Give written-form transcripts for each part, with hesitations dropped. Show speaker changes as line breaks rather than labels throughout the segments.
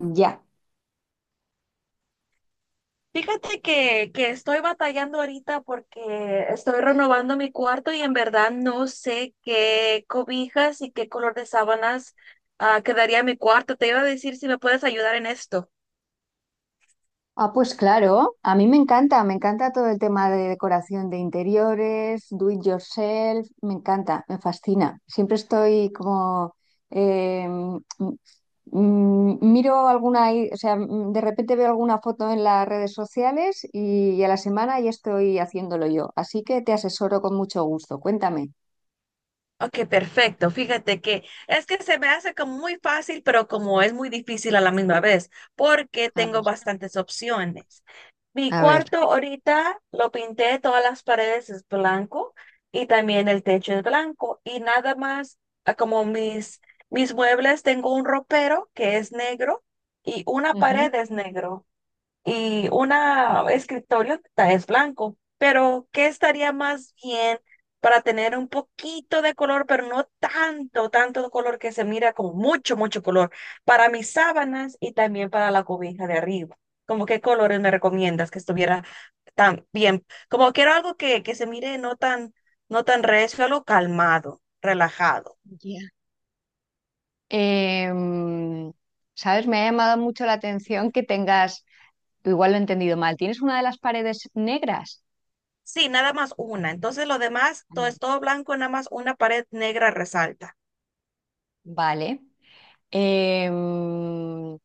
Ya.
Fíjate que estoy batallando ahorita porque estoy renovando mi cuarto y en verdad no sé qué cobijas y qué color de sábanas quedaría en mi cuarto. Te iba a decir si me puedes ayudar en esto.
Ah, pues claro, a mí me encanta todo el tema de decoración de interiores, do it yourself, me encanta, me fascina. Siempre estoy como, eh, mm, miro alguna, de repente veo alguna foto en las redes sociales y, a la semana ya estoy haciéndolo yo. Así que te asesoro con mucho gusto. Cuéntame.
Ok, perfecto. Fíjate que es que se me hace como muy fácil, pero como es muy difícil a la misma vez, porque
A
tengo
ver.
bastantes opciones. Mi
A ver.
cuarto ahorita lo pinté, todas las paredes es blanco y también el techo es blanco y nada más como mis muebles, tengo un ropero que es negro y una
Ujú.
pared es negro y una escritorio es blanco. Pero ¿qué estaría más bien para tener un poquito de color, pero no tanto, tanto color que se mira como mucho, mucho color para mis sábanas y también para la cobija de arriba? ¿Como qué colores me recomiendas que estuviera tan bien? Como quiero algo que se mire no tan, no tan recio, algo calmado, relajado.
Ya. Em, ¿Sabes? Me ha llamado mucho la atención que tengas. Igual lo he entendido mal. ¿Tienes una de las paredes negras?
Sí, nada más una. Entonces lo demás, todo
Mm.
es todo blanco, nada más una pared negra resalta.
Vale. Em,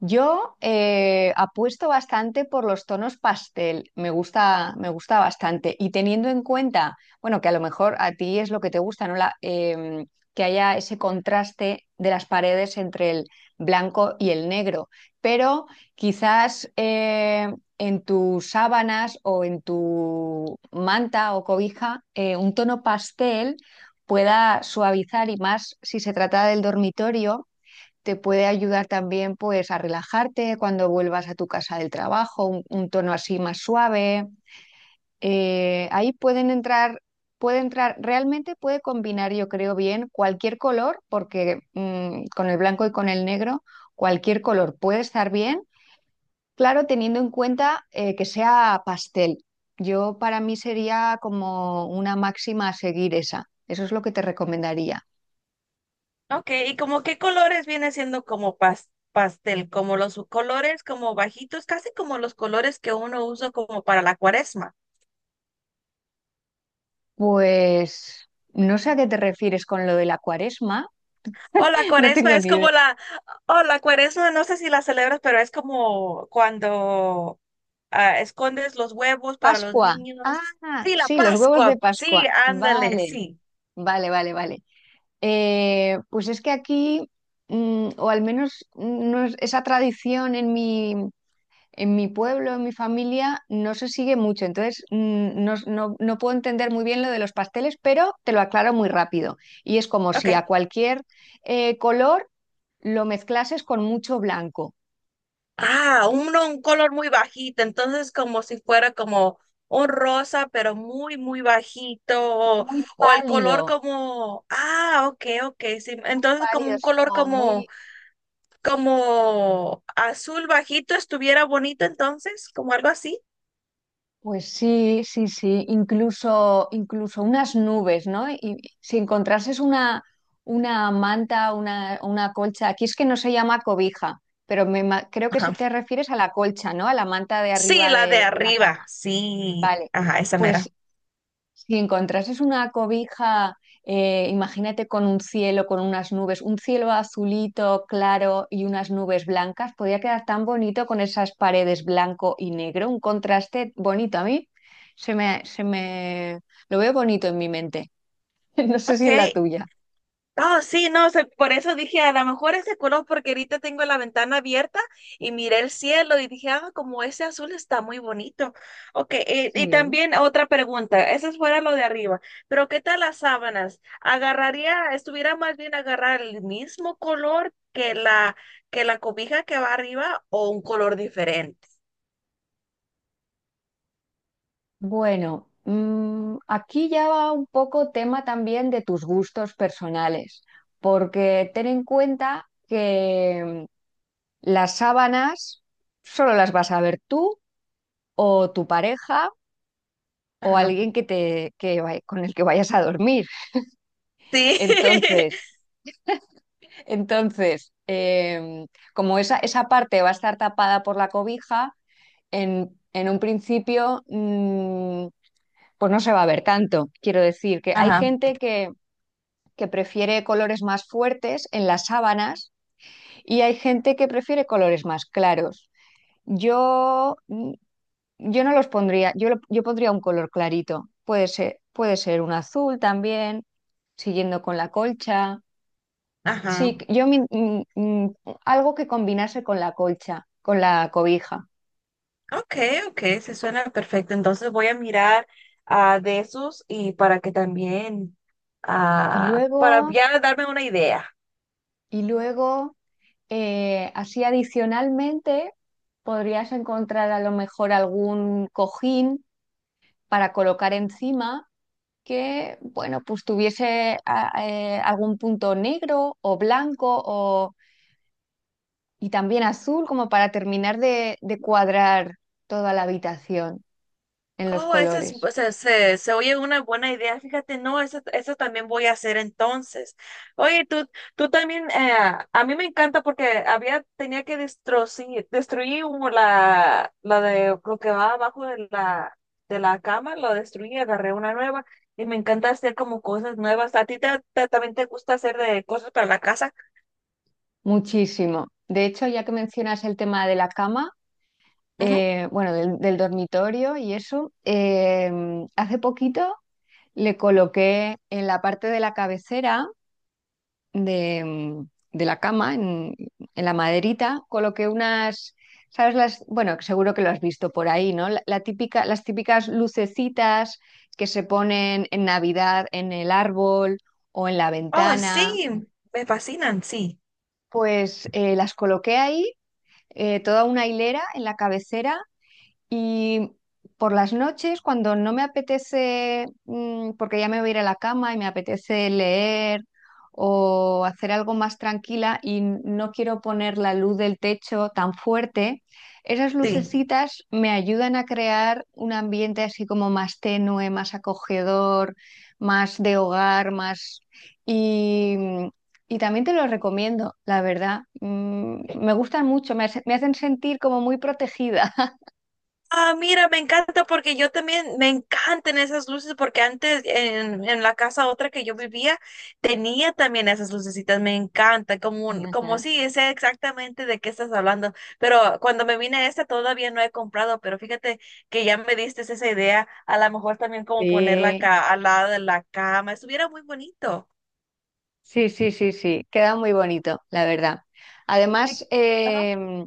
Yo apuesto bastante por los tonos pastel, me gusta bastante. Y teniendo en cuenta, bueno, que a lo mejor a ti es lo que te gusta, ¿no? Que haya ese contraste de las paredes entre el blanco y el negro. Pero quizás en tus sábanas o en tu manta o cobija, un tono pastel pueda suavizar y más si se trata del dormitorio, te puede ayudar también pues a relajarte cuando vuelvas a tu casa del trabajo, un tono así más suave. Eh, ahí pueden entrar, puede entrar, realmente puede combinar, yo creo bien, cualquier color, porque con el blanco y con el negro, cualquier color puede estar bien, claro, teniendo en cuenta que sea pastel. Yo para mí sería como una máxima a seguir esa. Eso es lo que te recomendaría.
Ok, ¿y como qué colores viene siendo como pastel? Como los colores como bajitos, casi como los colores que uno usa como para la cuaresma.
Pues no sé a qué te refieres con lo de la cuaresma.
O la
No
cuaresma
tengo
es
ni
como
idea.
la, o la cuaresma, no sé si la celebras, pero es como cuando escondes los huevos para los
Pascua.
niños.
Ah,
Sí, la
sí, los huevos de
Pascua, sí,
Pascua.
ándale,
Vale,
sí.
vale, vale, vale. Pues es que aquí, o al menos no es- esa tradición en mi pueblo, en mi familia, no se sigue mucho. Entonces, no, no puedo entender muy bien lo de los pasteles, pero te lo aclaro muy rápido. Y es como si
Ok.
a cualquier color lo mezclases con mucho blanco.
Ah, uno, un color muy bajito, entonces como si fuera como un rosa, pero muy, muy bajito, o,
Muy
o el color
pálido,
como, ah, ok, ok, sí,
muy
entonces como
pálido,
un
así
color
como
como,
muy...
como azul bajito estuviera bonito, entonces, como algo así.
Pues sí, sí, sí, incluso, incluso unas nubes, ¿no? Y si encontrases una manta, una colcha, aquí es que no se llama cobija, pero creo que se
Ajá.
te refieres a la colcha, ¿no? A la manta de
Sí,
arriba
la de
de la
arriba,
cama.
sí,
Vale,
ajá, esa
pues
mera.
si encontrases una cobija, imagínate con un cielo, con unas nubes, un cielo azulito, claro y unas nubes blancas, podría quedar tan bonito con esas paredes blanco y negro, un contraste bonito a mí. Se me, se me, lo veo bonito en mi mente. No sé si en la
Ok.
tuya.
Ah, sí, no, por eso dije, a lo mejor ese color, porque ahorita tengo la ventana abierta y miré el cielo y dije, ah, como ese azul está muy bonito. Ok, y
Sí.
también otra pregunta, eso fuera lo de arriba, pero ¿qué tal las sábanas? ¿Agarraría, estuviera más bien agarrar el mismo color que la cobija que va arriba o un color diferente?
Bueno, aquí ya va un poco tema también de tus gustos personales, porque ten en cuenta las sábanas solo las vas a ver tú o tu pareja o
Ajá.
alguien que te, con el que vayas a dormir.
Sí.
Entonces, entonces, como esa parte va a estar tapada por la cobija, en un principio, pues no se va a ver tanto. Quiero decir que hay
Ajá.
gente que prefiere colores más fuertes en las sábanas y hay gente que prefiere colores más claros. Yo Yo no los pondría, yo pondría un color clarito. Puede ser un azul también, siguiendo con la colcha.
Ajá.
Sí, yo mi- mm, mm, algo que combinase con la colcha, con la cobija.
Ok, ok, se suena perfecto. Entonces voy a mirar de esos y para que también,
Y
para
luego,
ya darme una idea.
y luego, así adicionalmente, podrías encontrar a lo mejor algún cojín para colocar encima que, bueno, pues tuviese algún punto negro o blanco o y también azul como para terminar de cuadrar toda la habitación en los
Oh, esa es,
colores.
o sea, se oye una buena idea. Fíjate, no, eso también voy a hacer entonces. Oye, tú también, a mí me encanta porque había, tenía que destruir, destruir como la de lo que va abajo de la cama, lo destruí, agarré una nueva y me encanta hacer como cosas nuevas. ¿A ti también te gusta hacer de cosas para la casa?
Muchísimo. De hecho, ya que mencionas el tema de la cama,
Ujú.
bueno, del, del dormitorio y eso, hace poquito le coloqué en la parte de la cabecera de, de la cama, en la maderita, coloqué unas, ¿sabes? Las, bueno, seguro que lo has visto por ahí, ¿no? La típica, las típicas lucecitas que se ponen en Navidad en el árbol o en la
Oh,
ventana,
sí, me fascinan, sí,
pues las coloqué ahí, toda una hilera en la cabecera y por las noches, cuando no me apetece, porque ya me voy a ir a la cama y me apetece leer o hacer algo más tranquila y no quiero poner la luz del techo tan fuerte, esas
sí.
lucecitas me ayudan a crear un ambiente así como más tenue, más acogedor, más de hogar, más... Y, y también te lo recomiendo, la verdad. Mm, me gustan mucho, me hacen sentir como muy protegida.
Ah, mira, me encanta porque yo también me encantan esas luces porque antes en la casa otra que yo vivía tenía también esas lucecitas, me encanta, como, como sí, sé exactamente de qué estás hablando, pero cuando me vine a esta todavía no he comprado, pero fíjate que ya me diste esa idea, a lo mejor también como ponerla
Sí,
acá al lado de la cama, estuviera muy bonito.
sí, sí, sí, sí, queda muy bonito, la verdad.
Sí,
Además,
ajá.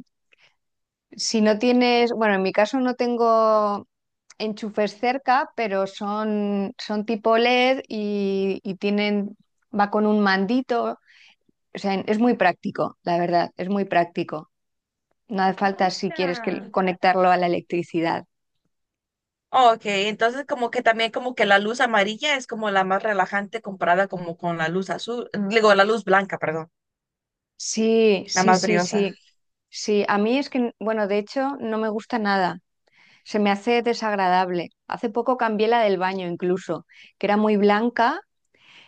si no tienes, bueno, en mi caso no tengo enchufes cerca, pero son, son tipo LED y tienen, va con un mandito, o sea, es muy práctico, la verdad, es muy práctico. No hace
Ah,
falta si quieres que,
mira.
conectarlo a la electricidad.
Ok, entonces como que también como que la luz amarilla es como la más relajante comparada como con la luz azul, digo, la luz blanca, perdón,
Sí,
la
sí,
más
sí,
brillosa.
sí, sí. A mí es que, bueno, de hecho, no me gusta nada. Se me hace desagradable. Hace poco cambié la del baño incluso, que era muy blanca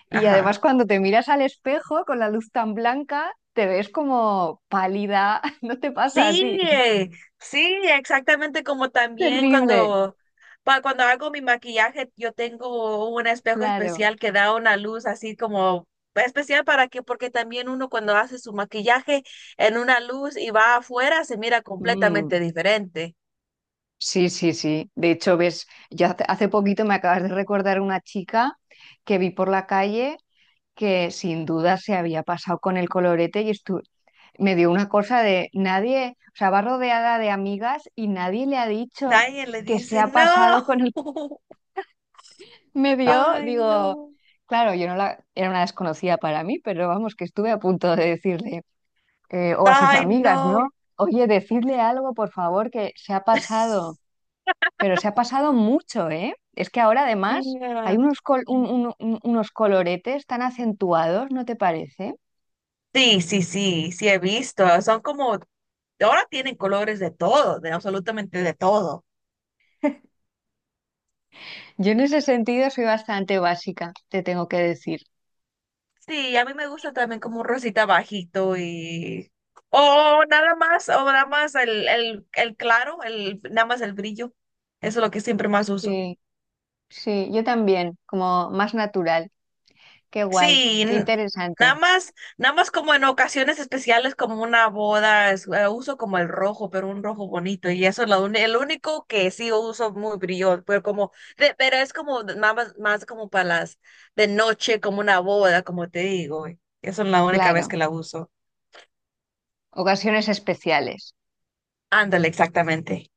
y además
Ajá.
cuando te miras al espejo con la luz tan blanca, te ves como pálida. No te pasa a
Sí,
ti.
sí, exactamente como también
Terrible,
cuando, cuando hago mi maquillaje, yo tengo un espejo
claro.
especial que da una luz así como especial para que, porque también uno cuando hace su maquillaje en una luz y va afuera se mira completamente
Mm,
diferente.
sí, sí, sí. De hecho, ves, yo hace, hace poquito me acabas de recordar una chica que vi por la calle que sin duda se había pasado con el colorete y, me dio una cosa de nadie, o sea, va rodeada de amigas y nadie le ha dicho
Nadie le
que se
dice,
ha pasado
no.
con el... Me dio,
Ay,
digo,
no.
claro, yo no la, era una desconocida para mí, pero vamos, que estuve a punto de decirle, o a sus
Ay,
amigas, ¿no?
no.
Oye, decirle algo, por favor, que se ha pasado, pero se ha pasado mucho, ¿eh? Es que ahora además hay
Mira.
unos, unos coloretes tan acentuados, ¿no te parece?
Sí, sí, sí, sí he visto. Son como, ahora tienen colores de todo, de absolutamente de todo.
Yo en ese sentido soy bastante básica, te tengo que decir.
Sí, a mí me gusta también como un rosita bajito y... o nada más el claro, el, nada más el brillo. Eso es lo que siempre más uso.
Sí. Sí, yo también, como más natural. Qué guay,
Sí,
qué
nada
interesante.
más, nada más como en ocasiones especiales como una boda, uso como el rojo, pero un rojo bonito y eso es lo, el único que sí uso muy brillo, pero como, pero es como nada más, más como para las de noche, como una boda, como te digo, y eso es la única vez
Claro,
que la uso.
ocasiones especiales.
Ándale, exactamente.